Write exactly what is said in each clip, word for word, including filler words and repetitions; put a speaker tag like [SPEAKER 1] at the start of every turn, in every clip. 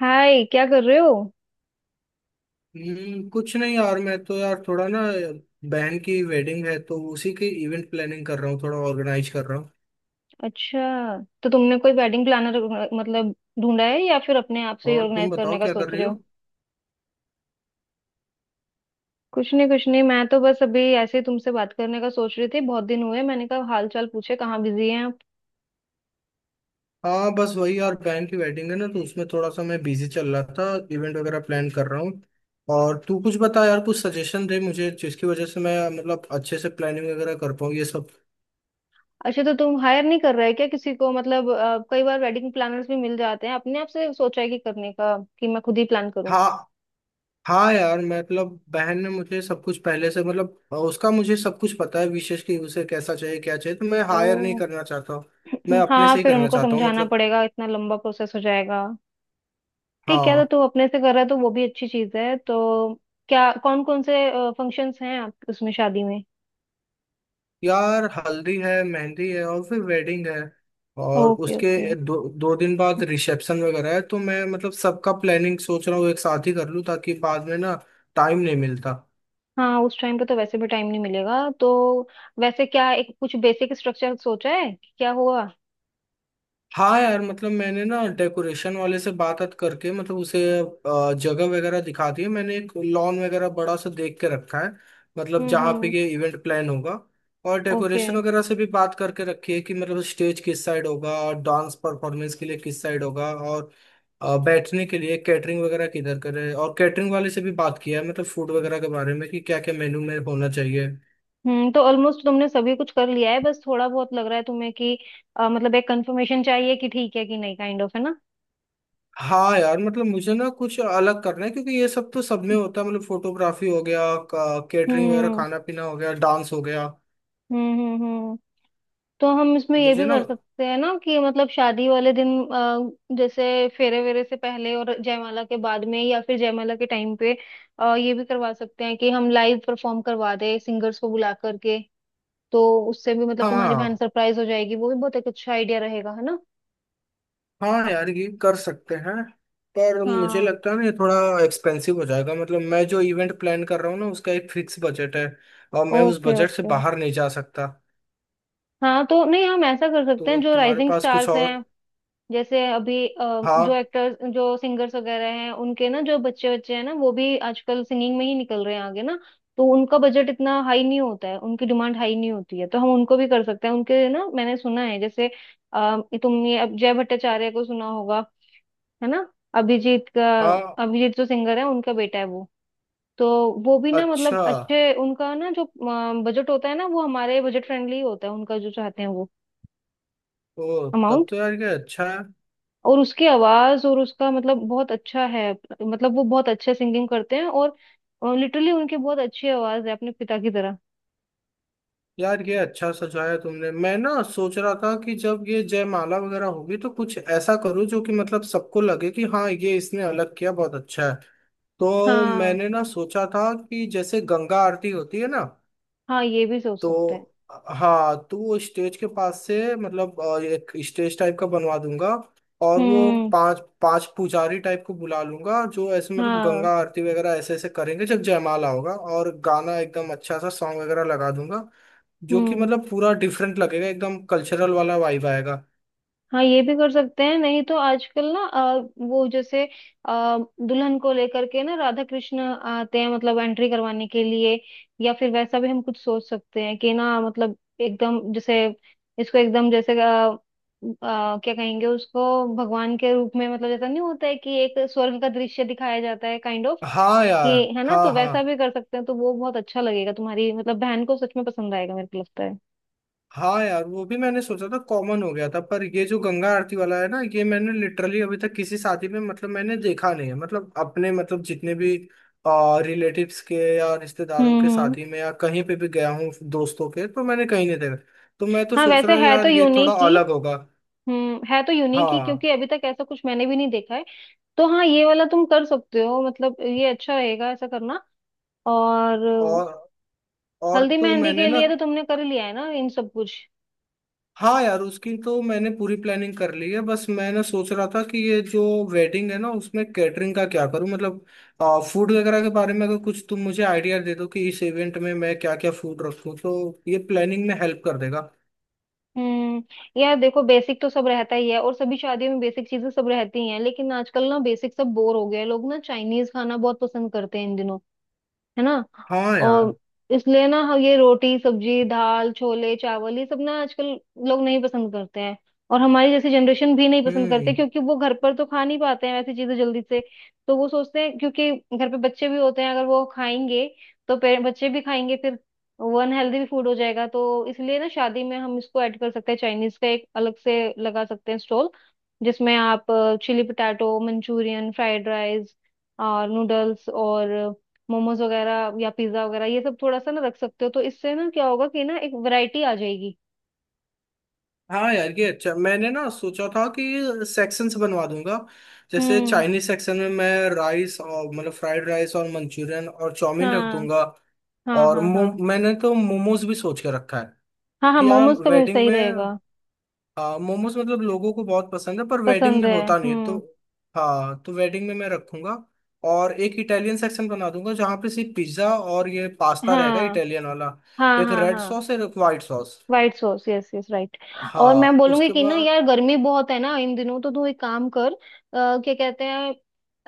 [SPEAKER 1] हाय, क्या कर रहे हो।
[SPEAKER 2] हम्म, कुछ नहीं यार। मैं तो यार थोड़ा ना बहन की वेडिंग है तो उसी की इवेंट प्लानिंग कर रहा हूँ, थोड़ा ऑर्गेनाइज कर रहा हूँ।
[SPEAKER 1] अच्छा, तो तुमने कोई वेडिंग प्लानर मतलब ढूंढा है या फिर अपने आप से ही
[SPEAKER 2] और तुम
[SPEAKER 1] ऑर्गेनाइज
[SPEAKER 2] बताओ
[SPEAKER 1] करने का
[SPEAKER 2] क्या कर
[SPEAKER 1] सोच
[SPEAKER 2] रही
[SPEAKER 1] रहे
[SPEAKER 2] हो?
[SPEAKER 1] हो। कुछ नहीं कुछ नहीं, मैं तो बस अभी ऐसे ही तुमसे बात करने का सोच रही थी। बहुत दिन हुए, मैंने कहा हाल चाल पूछे, कहाँ बिजी हैं आप।
[SPEAKER 2] हाँ, बस वही यार, बहन की वेडिंग है ना तो उसमें थोड़ा सा मैं बिजी चल रहा था। इवेंट वगैरह प्लान कर रहा हूँ। और तू कुछ बता यार, कुछ सजेशन दे मुझे जिसकी वजह से मैं मतलब अच्छे से प्लानिंग वगैरह कर पाऊँ ये सब।
[SPEAKER 1] अच्छा, तो तुम हायर नहीं कर रहे क्या किसी को। मतलब अ, कई बार वेडिंग प्लानर्स भी मिल जाते हैं। अपने आप से सोचा है कि करने का, कि मैं खुद ही प्लान करूँ।
[SPEAKER 2] हाँ। हाँ यार मतलब बहन ने मुझे सब कुछ पहले से मतलब उसका मुझे सब कुछ पता है, विशेष कि उसे कैसा चाहिए क्या चाहिए, तो मैं
[SPEAKER 1] ओ
[SPEAKER 2] हायर नहीं करना चाहता हूँ। मैं अपने
[SPEAKER 1] हाँ,
[SPEAKER 2] से ही
[SPEAKER 1] फिर
[SPEAKER 2] करना
[SPEAKER 1] उनको
[SPEAKER 2] चाहता हूँ
[SPEAKER 1] समझाना
[SPEAKER 2] मतलब।
[SPEAKER 1] पड़ेगा, इतना लंबा प्रोसेस हो जाएगा। ठीक है, तो
[SPEAKER 2] हाँ
[SPEAKER 1] तू अपने से कर रहा है तो वो भी अच्छी चीज है। तो क्या कौन कौन से फंक्शंस हैं आप उसमें, शादी में।
[SPEAKER 2] यार, हल्दी है, मेहंदी है, और फिर वेडिंग है। और
[SPEAKER 1] ओके ओके।
[SPEAKER 2] उसके दो दो दिन बाद रिसेप्शन वगैरह है, तो मैं मतलब सबका प्लानिंग सोच रहा हूँ एक साथ ही कर लूँ ताकि बाद में ना टाइम नहीं मिलता।
[SPEAKER 1] हाँ, उस टाइम पे तो वैसे भी टाइम नहीं मिलेगा। तो वैसे क्या एक कुछ बेसिक स्ट्रक्चर सोचा है कि क्या होगा।
[SPEAKER 2] हाँ यार मतलब मैंने ना डेकोरेशन वाले से बात बात करके मतलब उसे अ, जगह वगैरह दिखा दी है। मैंने एक लॉन वगैरह बड़ा सा देख के रखा है मतलब
[SPEAKER 1] हम्म
[SPEAKER 2] जहाँ पे
[SPEAKER 1] हम्म।
[SPEAKER 2] ये इवेंट प्लान होगा। और
[SPEAKER 1] ओके।
[SPEAKER 2] डेकोरेशन वगैरह से भी बात करके रखी है कि मतलब स्टेज किस साइड होगा और डांस परफॉर्मेंस के लिए किस साइड होगा, और अ, बैठने के लिए, कैटरिंग वगैरह किधर करें। और कैटरिंग वाले से भी बात किया है मतलब फूड वगैरह के बारे में, कि क्या क्या मेन्यू में होना चाहिए।
[SPEAKER 1] हम्म, तो ऑलमोस्ट तुमने सभी कुछ कर लिया है। बस थोड़ा बहुत लग रहा है तुम्हें कि अ, मतलब एक कंफर्मेशन चाहिए कि ठीक है कि नहीं। काइंड ऑफ है ना।
[SPEAKER 2] हाँ यार मतलब मुझे ना कुछ अलग करना है क्योंकि ये सब तो सब में होता है, मतलब फोटोग्राफी हो गया, केटरिंग वगैरह
[SPEAKER 1] हम्म
[SPEAKER 2] खाना पीना हो गया, डांस हो गया।
[SPEAKER 1] हम्म हम्म हम्म तो हम इसमें ये
[SPEAKER 2] मुझे
[SPEAKER 1] भी
[SPEAKER 2] ना।
[SPEAKER 1] कर सकते हैं ना कि मतलब शादी वाले दिन अ, जैसे फेरे वेरे से पहले और जयमाला के बाद में या फिर जयमाला के टाइम पे अ, ये भी करवा सकते हैं कि हम लाइव परफॉर्म करवा दें, सिंगर्स को बुला करके। तो उससे भी मतलब तुम्हारी बहन
[SPEAKER 2] हाँ।
[SPEAKER 1] सरप्राइज हो जाएगी। वो भी बहुत एक अच्छा आइडिया रहेगा, है ना।
[SPEAKER 2] हाँ यार ये कर सकते हैं। पर
[SPEAKER 1] हाँ
[SPEAKER 2] मुझे
[SPEAKER 1] हाँ।
[SPEAKER 2] लगता है ना ये थोड़ा एक्सपेंसिव हो जाएगा, मतलब मैं जो इवेंट प्लान कर रहा हूँ ना उसका एक फिक्स बजट है और मैं उस
[SPEAKER 1] ओके
[SPEAKER 2] बजट से
[SPEAKER 1] ओके।
[SPEAKER 2] बाहर नहीं जा सकता।
[SPEAKER 1] हाँ, तो नहीं, हम ऐसा कर सकते
[SPEAKER 2] तो
[SPEAKER 1] हैं जो
[SPEAKER 2] तुम्हारे
[SPEAKER 1] राइजिंग
[SPEAKER 2] पास कुछ
[SPEAKER 1] स्टार्स हैं।
[SPEAKER 2] और?
[SPEAKER 1] जैसे अभी अ, जो
[SPEAKER 2] हाँ।
[SPEAKER 1] एक्टर्स जो सिंगर्स वगैरह हैं, उनके ना जो बच्चे बच्चे हैं ना, वो भी आजकल सिंगिंग में ही निकल रहे हैं आगे ना। तो उनका बजट इतना हाई नहीं होता है, उनकी डिमांड हाई नहीं होती है। तो हम उनको भी कर सकते हैं। उनके ना मैंने सुना है जैसे अ, तुमने अब जय भट्टाचार्य को सुना होगा, है ना। अभिजीत का,
[SPEAKER 2] हाँ।
[SPEAKER 1] अभिजीत जो सिंगर है, उनका बेटा है वो। तो वो भी ना मतलब
[SPEAKER 2] अच्छा।
[SPEAKER 1] अच्छे उनका ना जो बजट होता है ना वो हमारे बजट फ्रेंडली होता है, उनका जो चाहते हैं
[SPEAKER 2] ओ।
[SPEAKER 1] वो।
[SPEAKER 2] तब तो यार ये अच्छा है।
[SPEAKER 1] और उसकी आवाज और उसका मतलब बहुत अच्छा है। मतलब वो बहुत अच्छे सिंगिंग करते हैं। और लिटरली उनकी बहुत अच्छी आवाज है, अपने पिता की तरह।
[SPEAKER 2] यार ये अच्छा सजाया तुमने। मैं ना सोच रहा था कि जब ये जयमाला वगैरह होगी तो कुछ ऐसा करूँ जो कि मतलब सबको लगे कि हाँ ये इसने अलग किया, बहुत अच्छा है। तो
[SPEAKER 1] हाँ,
[SPEAKER 2] मैंने ना सोचा था कि जैसे गंगा आरती होती है ना।
[SPEAKER 1] हाँ ये भी सोच सकते हैं।
[SPEAKER 2] तो हाँ, तो वो स्टेज के पास से मतलब अ, एक स्टेज टाइप का बनवा दूंगा। और वो
[SPEAKER 1] हम्म
[SPEAKER 2] पांच पांच पुजारी टाइप को बुला लूंगा जो ऐसे मतलब
[SPEAKER 1] हाँ
[SPEAKER 2] गंगा आरती वगैरह ऐसे ऐसे करेंगे जब जयमाला होगा, और गाना एकदम अच्छा सा सॉन्ग वगैरह लगा दूंगा, जो कि
[SPEAKER 1] हम्म।
[SPEAKER 2] मतलब पूरा डिफरेंट लगेगा, एकदम कल्चरल वाला वाइब आएगा।
[SPEAKER 1] हाँ, ये भी कर सकते हैं। नहीं तो आजकल ना अ, वो जैसे अ, दुल्हन को लेकर के ना राधा कृष्ण आते हैं, मतलब एंट्री करवाने के लिए। या फिर वैसा भी हम कुछ सोच सकते हैं कि ना मतलब एकदम जैसे इसको एकदम जैसे अ, अ, क्या कहेंगे उसको, भगवान के रूप में। मतलब जैसा नहीं होता है कि एक स्वर्ग का दृश्य दिखाया जाता है, काइंड ऑफ।
[SPEAKER 2] हाँ
[SPEAKER 1] कि
[SPEAKER 2] यार।
[SPEAKER 1] है ना,
[SPEAKER 2] हाँ।
[SPEAKER 1] तो वैसा
[SPEAKER 2] हाँ।
[SPEAKER 1] भी कर सकते हैं। तो वो बहुत अच्छा लगेगा, तुम्हारी मतलब बहन को सच में पसंद आएगा मेरे को लगता है।
[SPEAKER 2] हाँ यार वो भी मैंने सोचा था, कॉमन हो गया था। पर ये जो गंगा आरती वाला है ना, ये मैंने लिटरली अभी तक किसी शादी में मतलब मैंने देखा नहीं है, मतलब अपने मतलब जितने भी रिलेटिव्स के या रिश्तेदारों
[SPEAKER 1] हम्म
[SPEAKER 2] के
[SPEAKER 1] हम्म।
[SPEAKER 2] शादी में या कहीं पे भी गया हूँ दोस्तों के, तो मैंने कहीं नहीं देखा। तो मैं तो
[SPEAKER 1] हाँ
[SPEAKER 2] सोच
[SPEAKER 1] वैसे
[SPEAKER 2] रहा हूँ
[SPEAKER 1] है तो
[SPEAKER 2] यार ये थोड़ा
[SPEAKER 1] यूनिक ही।
[SPEAKER 2] अलग होगा।
[SPEAKER 1] हम्म, है तो यूनिक ही,
[SPEAKER 2] हाँ।
[SPEAKER 1] क्योंकि अभी तक ऐसा कुछ मैंने भी नहीं देखा है। तो हाँ, ये वाला तुम कर सकते हो, मतलब ये अच्छा रहेगा ऐसा करना। और
[SPEAKER 2] और और
[SPEAKER 1] हल्दी
[SPEAKER 2] तो
[SPEAKER 1] मेहंदी के
[SPEAKER 2] मैंने ना।
[SPEAKER 1] लिए तो तुमने कर लिया है ना इन सब कुछ।
[SPEAKER 2] हाँ यार उसकी तो मैंने पूरी प्लानिंग कर ली है। बस मैंने सोच रहा था कि ये जो वेडिंग है ना उसमें कैटरिंग का क्या करूँ, मतलब फूड वगैरह के बारे में अगर कुछ तुम मुझे आइडिया दे दो कि इस इवेंट में मैं क्या क्या फूड रखूँ तो ये प्लानिंग में हेल्प कर देगा।
[SPEAKER 1] हम्म, यार देखो बेसिक तो सब रहता ही है और सभी शादियों में बेसिक चीजें सब रहती ही हैं। लेकिन आजकल ना बेसिक सब बोर हो गया है। लोग ना चाइनीज खाना बहुत पसंद करते हैं इन दिनों, है ना।
[SPEAKER 2] हाँ यार।
[SPEAKER 1] और इसलिए ना हम ये रोटी सब्जी दाल छोले चावल ये सब ना आजकल लोग नहीं पसंद करते हैं। और हमारी जैसी जनरेशन भी नहीं पसंद करते,
[SPEAKER 2] हम्म।
[SPEAKER 1] क्योंकि वो घर पर तो खा नहीं पाते हैं वैसी चीजें जल्दी से। तो वो सोचते हैं क्योंकि घर पे बच्चे भी होते हैं, अगर वो खाएंगे तो पे- बच्चे भी खाएंगे फिर। वो अनहेल्दी भी फूड हो जाएगा। तो इसलिए ना शादी में हम इसको ऐड कर सकते हैं, चाइनीज का एक अलग से लगा सकते हैं स्टॉल, जिसमें आप chilli potato Manchurian fried rice और नूडल्स और मोमोज वगैरह या पिज्जा वगैरह ये सब थोड़ा सा ना रख सकते हो। तो इससे ना क्या होगा कि ना एक वैरायटी आ जाएगी।
[SPEAKER 2] हाँ यार ये अच्छा। मैंने ना सोचा था कि सेक्शंस बनवा दूंगा। जैसे
[SPEAKER 1] हम्म।
[SPEAKER 2] चाइनीज सेक्शन में मैं राइस और मतलब फ्राइड राइस और मंचूरियन और चाउमीन रख
[SPEAKER 1] हाँ
[SPEAKER 2] दूंगा।
[SPEAKER 1] हाँ
[SPEAKER 2] और
[SPEAKER 1] हाँ।
[SPEAKER 2] मो,
[SPEAKER 1] हाँ
[SPEAKER 2] मैंने तो मोमोज भी सोच के रखा है
[SPEAKER 1] हाँ हाँ।
[SPEAKER 2] कि यार
[SPEAKER 1] मोमोज का भी
[SPEAKER 2] वेडिंग
[SPEAKER 1] सही
[SPEAKER 2] में।
[SPEAKER 1] रहेगा।
[SPEAKER 2] हाँ मोमोज मतलब लोगों को बहुत पसंद है, पर वेडिंग
[SPEAKER 1] पसंद
[SPEAKER 2] में
[SPEAKER 1] है,
[SPEAKER 2] होता नहीं है तो।
[SPEAKER 1] हम्म।
[SPEAKER 2] हाँ तो वेडिंग में मैं रखूंगा। और एक इटालियन सेक्शन बना दूंगा जहाँ पे सिर्फ पिज्ज़ा और ये पास्ता रहेगा,
[SPEAKER 1] हाँ
[SPEAKER 2] इटालियन वाला।
[SPEAKER 1] हाँ
[SPEAKER 2] एक
[SPEAKER 1] हाँ।
[SPEAKER 2] रेड
[SPEAKER 1] हाँ,
[SPEAKER 2] सॉस और एक white sauce.
[SPEAKER 1] White sauce, yes yes, right. और मैं
[SPEAKER 2] हाँ
[SPEAKER 1] बोलूंगी
[SPEAKER 2] उसके
[SPEAKER 1] कि ना
[SPEAKER 2] बाद।
[SPEAKER 1] यार गर्मी बहुत है ना इन दिनों, तो तू एक काम कर। आ, क्या कहते हैं,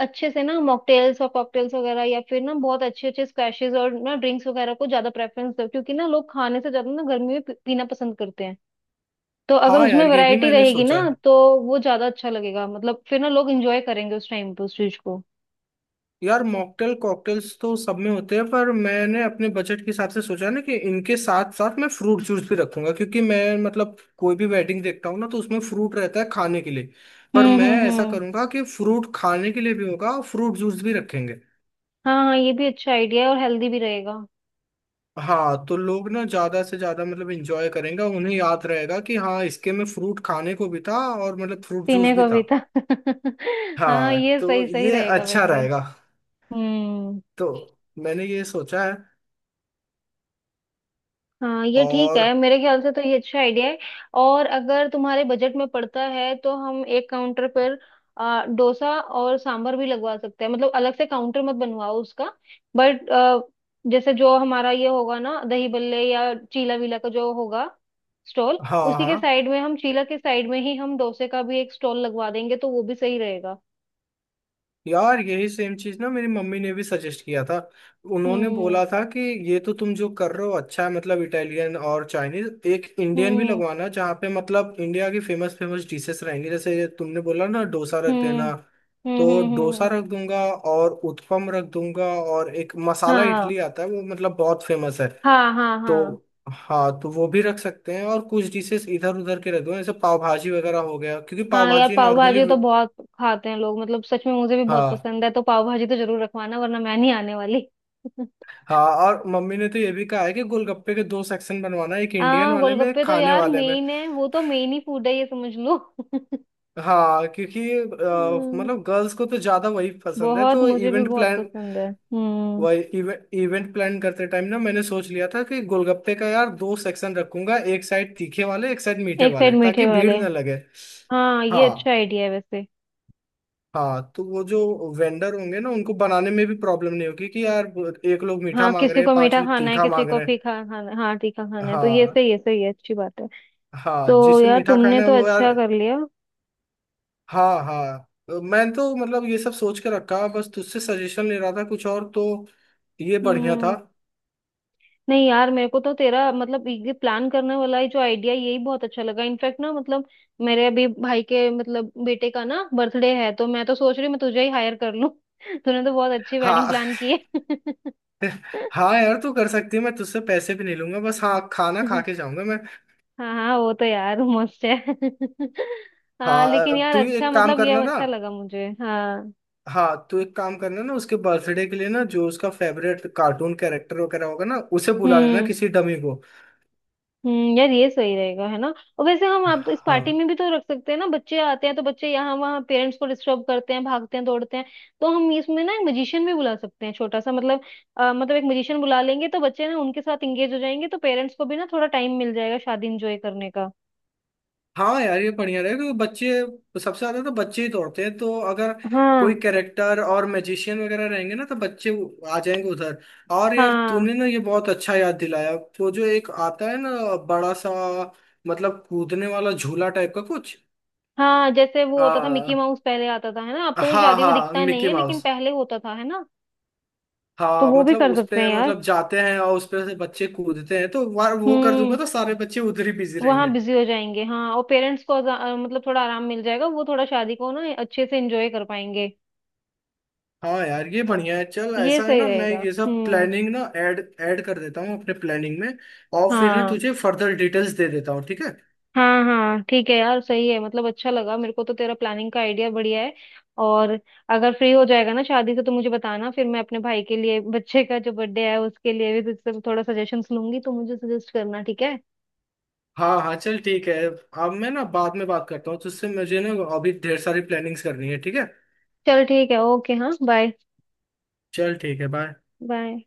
[SPEAKER 1] अच्छे से ना मॉकटेल्स और कॉकटेल्स वगैरह, या फिर ना बहुत अच्छे अच्छे स्क्वैशेस और ना ड्रिंक्स वगैरह को ज्यादा प्रेफरेंस दो, क्योंकि ना लोग खाने से ज्यादा ना गर्मी में पी- पीना पसंद करते हैं। तो अगर
[SPEAKER 2] हाँ
[SPEAKER 1] उसमें
[SPEAKER 2] यार ये भी
[SPEAKER 1] वैरायटी
[SPEAKER 2] मैंने
[SPEAKER 1] रहेगी
[SPEAKER 2] सोचा।
[SPEAKER 1] ना, तो वो ज्यादा अच्छा लगेगा। मतलब फिर ना लोग एंजॉय करेंगे उस टाइम पे उस चीज को।
[SPEAKER 2] यार मॉकटेल कॉकटेल्स तो सब में होते हैं, पर मैंने अपने बजट के हिसाब से सोचा ना कि इनके साथ साथ मैं फ्रूट जूस भी रखूंगा, क्योंकि मैं मतलब कोई भी वेडिंग देखता हूँ ना तो उसमें फ्रूट रहता है खाने के लिए। पर
[SPEAKER 1] हम्म
[SPEAKER 2] मैं
[SPEAKER 1] हम्म
[SPEAKER 2] ऐसा
[SPEAKER 1] हम्म।
[SPEAKER 2] करूंगा कि फ्रूट खाने के लिए भी होगा और फ्रूट जूस भी रखेंगे।
[SPEAKER 1] हाँ हाँ, ये भी अच्छा आइडिया है और हेल्दी भी रहेगा।
[SPEAKER 2] हाँ, तो लोग ना ज्यादा से ज्यादा मतलब इंजॉय करेंगे, उन्हें याद रहेगा कि हाँ इसके में फ्रूट खाने को भी था और मतलब फ्रूट
[SPEAKER 1] पीने
[SPEAKER 2] जूस भी
[SPEAKER 1] को
[SPEAKER 2] था।
[SPEAKER 1] भी था हाँ
[SPEAKER 2] हाँ
[SPEAKER 1] ये
[SPEAKER 2] तो
[SPEAKER 1] सही सही
[SPEAKER 2] ये
[SPEAKER 1] रहेगा
[SPEAKER 2] अच्छा
[SPEAKER 1] वैसे।
[SPEAKER 2] रहेगा।
[SPEAKER 1] हम्म।
[SPEAKER 2] तो मैंने ये सोचा है।
[SPEAKER 1] हाँ ये ठीक है,
[SPEAKER 2] और।
[SPEAKER 1] मेरे ख्याल से तो ये अच्छा आइडिया है। और अगर तुम्हारे बजट में पड़ता है तो हम एक काउंटर पर आ, डोसा और सांभर भी लगवा सकते हैं। मतलब अलग से काउंटर मत बनवाओ उसका, बट जैसे जो हमारा ये होगा ना दही बल्ले या चीला वीला का जो होगा स्टॉल,
[SPEAKER 2] हाँ।
[SPEAKER 1] उसी के
[SPEAKER 2] हाँ।
[SPEAKER 1] साइड में हम चीला के साइड में ही हम डोसे का भी एक स्टॉल लगवा देंगे, तो वो भी सही रहेगा।
[SPEAKER 2] यार यही सेम चीज ना मेरी मम्मी ने भी सजेस्ट किया था। उन्होंने
[SPEAKER 1] हम्म।
[SPEAKER 2] बोला था कि ये तो तुम जो कर रहे हो अच्छा है, मतलब इटालियन और चाइनीज, एक इंडियन भी
[SPEAKER 1] हम्म
[SPEAKER 2] लगवाना जहाँ पे मतलब इंडिया की फेमस फेमस डिशेस रहेंगी, जैसे तुमने बोला ना डोसा रख
[SPEAKER 1] हम्म
[SPEAKER 2] देना।
[SPEAKER 1] हम्म।
[SPEAKER 2] तो
[SPEAKER 1] हम्म हम्म
[SPEAKER 2] डोसा
[SPEAKER 1] हम्म।
[SPEAKER 2] रख दूंगा और उत्पम रख दूंगा, और एक मसाला
[SPEAKER 1] हाँ।
[SPEAKER 2] इडली आता है वो मतलब बहुत फेमस है।
[SPEAKER 1] हाँ हाँ हाँ।
[SPEAKER 2] तो हाँ तो वो भी रख सकते हैं। और कुछ डिशेस इधर उधर के रख दूंगा जैसे पाव भाजी वगैरह हो गया, क्योंकि पाव
[SPEAKER 1] हाँ यार,
[SPEAKER 2] भाजी
[SPEAKER 1] पाव
[SPEAKER 2] नॉर्मली।
[SPEAKER 1] भाजी तो बहुत खाते हैं लोग, मतलब सच में मुझे भी बहुत
[SPEAKER 2] हाँ।
[SPEAKER 1] पसंद है। तो पाव भाजी तो जरूर रखवाना, वरना मैं नहीं आने वाली
[SPEAKER 2] हाँ और मम्मी ने तो ये भी कहा है कि गोलगप्पे के दो सेक्शन बनवाना, एक इंडियन
[SPEAKER 1] हाँ,
[SPEAKER 2] वाले में एक
[SPEAKER 1] गोलगप्पे तो
[SPEAKER 2] खाने
[SPEAKER 1] यार
[SPEAKER 2] वाले में।
[SPEAKER 1] मेन है, वो तो मेन ही फूड है ये समझ लो
[SPEAKER 2] हाँ क्योंकि अ,
[SPEAKER 1] हम्म,
[SPEAKER 2] मतलब गर्ल्स को तो ज्यादा वही पसंद है,
[SPEAKER 1] बहुत,
[SPEAKER 2] तो
[SPEAKER 1] मुझे भी
[SPEAKER 2] इवेंट
[SPEAKER 1] बहुत
[SPEAKER 2] प्लान
[SPEAKER 1] पसंद है, हम्म।
[SPEAKER 2] वही इवेंट इवेंट प्लान करते टाइम ना मैंने सोच लिया था कि गोलगप्पे का यार दो सेक्शन रखूंगा, एक साइड तीखे वाले एक साइड मीठे
[SPEAKER 1] एक साइड
[SPEAKER 2] वाले,
[SPEAKER 1] मीठे
[SPEAKER 2] ताकि भीड़
[SPEAKER 1] वाले।
[SPEAKER 2] ना लगे।
[SPEAKER 1] हाँ ये अच्छा
[SPEAKER 2] हाँ।
[SPEAKER 1] आइडिया है वैसे।
[SPEAKER 2] हाँ तो वो जो वेंडर होंगे ना उनको बनाने में भी प्रॉब्लम नहीं होगी कि यार एक लोग मीठा
[SPEAKER 1] हाँ,
[SPEAKER 2] मांग
[SPEAKER 1] किसी
[SPEAKER 2] रहे हैं,
[SPEAKER 1] को
[SPEAKER 2] पांच
[SPEAKER 1] मीठा
[SPEAKER 2] लोग
[SPEAKER 1] खाना है,
[SPEAKER 2] तीखा
[SPEAKER 1] किसी
[SPEAKER 2] मांग
[SPEAKER 1] को
[SPEAKER 2] रहे हैं।
[SPEAKER 1] फीका खाना, हाँ तीखा खाना है, तो ये
[SPEAKER 2] हाँ।
[SPEAKER 1] सही, ये सही है, अच्छी बात है।
[SPEAKER 2] हाँ
[SPEAKER 1] तो
[SPEAKER 2] जिसे
[SPEAKER 1] यार
[SPEAKER 2] मीठा
[SPEAKER 1] तुमने
[SPEAKER 2] खाना है
[SPEAKER 1] तो
[SPEAKER 2] वो यार।
[SPEAKER 1] अच्छा कर लिया।
[SPEAKER 2] हाँ। हाँ। तो मैं तो मतलब ये सब सोच के रखा, बस तुझसे सजेशन ले रहा था कुछ और, तो ये बढ़िया था।
[SPEAKER 1] हम्म। नहीं यार, मेरे को तो तेरा मतलब ये प्लान करने वाला है जो आइडिया यही बहुत अच्छा लगा। इनफैक्ट ना मतलब मेरे अभी भाई के मतलब बेटे का ना बर्थडे है, तो मैं तो सोच रही हूँ मैं तुझे ही हायर कर लूँ तूने तो बहुत अच्छी वेडिंग
[SPEAKER 2] हाँ।
[SPEAKER 1] प्लान की है।
[SPEAKER 2] हाँ यार तू कर सकती है, मैं तुझसे पैसे भी नहीं लूंगा। बस हाँ खाना खा के जाऊंगा मैं।
[SPEAKER 1] हाँ हाँ, वो तो यार मस्त है हाँ, लेकिन
[SPEAKER 2] हाँ
[SPEAKER 1] यार
[SPEAKER 2] तू ही
[SPEAKER 1] अच्छा,
[SPEAKER 2] एक काम
[SPEAKER 1] मतलब ये
[SPEAKER 2] करना ना।
[SPEAKER 1] अच्छा लगा मुझे, हाँ।
[SPEAKER 2] हाँ तू एक काम करना ना, उसके बर्थडे के लिए ना जो उसका फेवरेट कार्टून कैरेक्टर वगैरह होगा ना, उसे बुला लेना
[SPEAKER 1] हम्म
[SPEAKER 2] किसी डमी को।
[SPEAKER 1] हम्म, यार ये सही रहेगा, है ना। और वैसे हम आप तो इस पार्टी
[SPEAKER 2] हाँ।
[SPEAKER 1] में भी तो रख सकते हैं ना। बच्चे आते हैं तो बच्चे यहाँ वहाँ पेरेंट्स को डिस्टर्ब करते हैं, भागते हैं दौड़ते हैं। तो हम इसमें ना एक मजिशियन भी बुला सकते हैं छोटा सा। मतलब अ, मतलब एक मजिशियन बुला लेंगे तो बच्चे ना उनके साथ इंगेज हो जाएंगे, तो पेरेंट्स को भी ना थोड़ा टाइम मिल जाएगा शादी इंजॉय करने का।
[SPEAKER 2] हाँ यार ये बढ़िया रहेगा, क्योंकि बच्चे सबसे ज्यादा तो बच्चे ही दौड़ते हैं, तो अगर कोई
[SPEAKER 1] हाँ
[SPEAKER 2] कैरेक्टर और मैजिशियन वगैरह रहेंगे ना तो बच्चे वो आ जाएंगे उधर। और यार
[SPEAKER 1] हाँ।
[SPEAKER 2] तूने ना ये बहुत अच्छा याद दिलाया, वो जो एक आता है ना, बड़ा सा, मतलब कूदने वाला झूला टाइप का कुछ।
[SPEAKER 1] हाँ जैसे वो होता था मिकी
[SPEAKER 2] आ,
[SPEAKER 1] माउस, पहले आता था है ना। अब तो वो
[SPEAKER 2] हाँ
[SPEAKER 1] शादियों में
[SPEAKER 2] हाँ,
[SPEAKER 1] दिखता नहीं
[SPEAKER 2] मिकी
[SPEAKER 1] है, लेकिन
[SPEAKER 2] माउस।
[SPEAKER 1] पहले होता था, है ना। तो
[SPEAKER 2] हाँ
[SPEAKER 1] वो भी
[SPEAKER 2] मतलब
[SPEAKER 1] कर
[SPEAKER 2] उस
[SPEAKER 1] सकते हैं
[SPEAKER 2] पे
[SPEAKER 1] यार।
[SPEAKER 2] मतलब जाते हैं और उस पे से बच्चे कूदते हैं, तो वो वो कर दूंगा
[SPEAKER 1] हम्म।
[SPEAKER 2] तो सारे बच्चे उधर ही बिजी
[SPEAKER 1] वहाँ
[SPEAKER 2] रहेंगे।
[SPEAKER 1] बिजी हो जाएंगे। हाँ और पेरेंट्स को आजा- अ, मतलब थोड़ा आराम मिल जाएगा, वो थोड़ा शादी को ना अच्छे से एंजॉय कर पाएंगे।
[SPEAKER 2] हाँ यार ये बढ़िया है। चल
[SPEAKER 1] ये
[SPEAKER 2] ऐसा है
[SPEAKER 1] सही
[SPEAKER 2] ना, मैं
[SPEAKER 1] रहेगा।
[SPEAKER 2] ये सब
[SPEAKER 1] हम्म।
[SPEAKER 2] प्लानिंग ना ऐड ऐड कर देता हूँ अपने प्लानिंग में। और फिर ना
[SPEAKER 1] हाँ।
[SPEAKER 2] तुझे फर्दर डिटेल्स दे देता हूँ, ठीक है?
[SPEAKER 1] हाँ हाँ ठीक है यार, सही है। मतलब अच्छा लगा मेरे को तो, तेरा प्लानिंग का आइडिया बढ़िया है। और अगर फ्री हो जाएगा ना शादी से तो मुझे बताना, फिर मैं अपने भाई के लिए बच्चे का जो बर्थडे है उसके लिए भी तुझसे थोड़ा सजेशंस लूंगी, तो मुझे सजेस्ट करना, ठीक है।
[SPEAKER 2] हाँ। हाँ। चल ठीक है, अब मैं ना बाद में बात करता हूँ तुझसे, मुझे ना अभी ढेर सारी प्लानिंग्स करनी है, ठीक है?
[SPEAKER 1] चल ठीक है, ओके, हाँ बाय।
[SPEAKER 2] चल ठीक है, बाय।
[SPEAKER 1] बाय।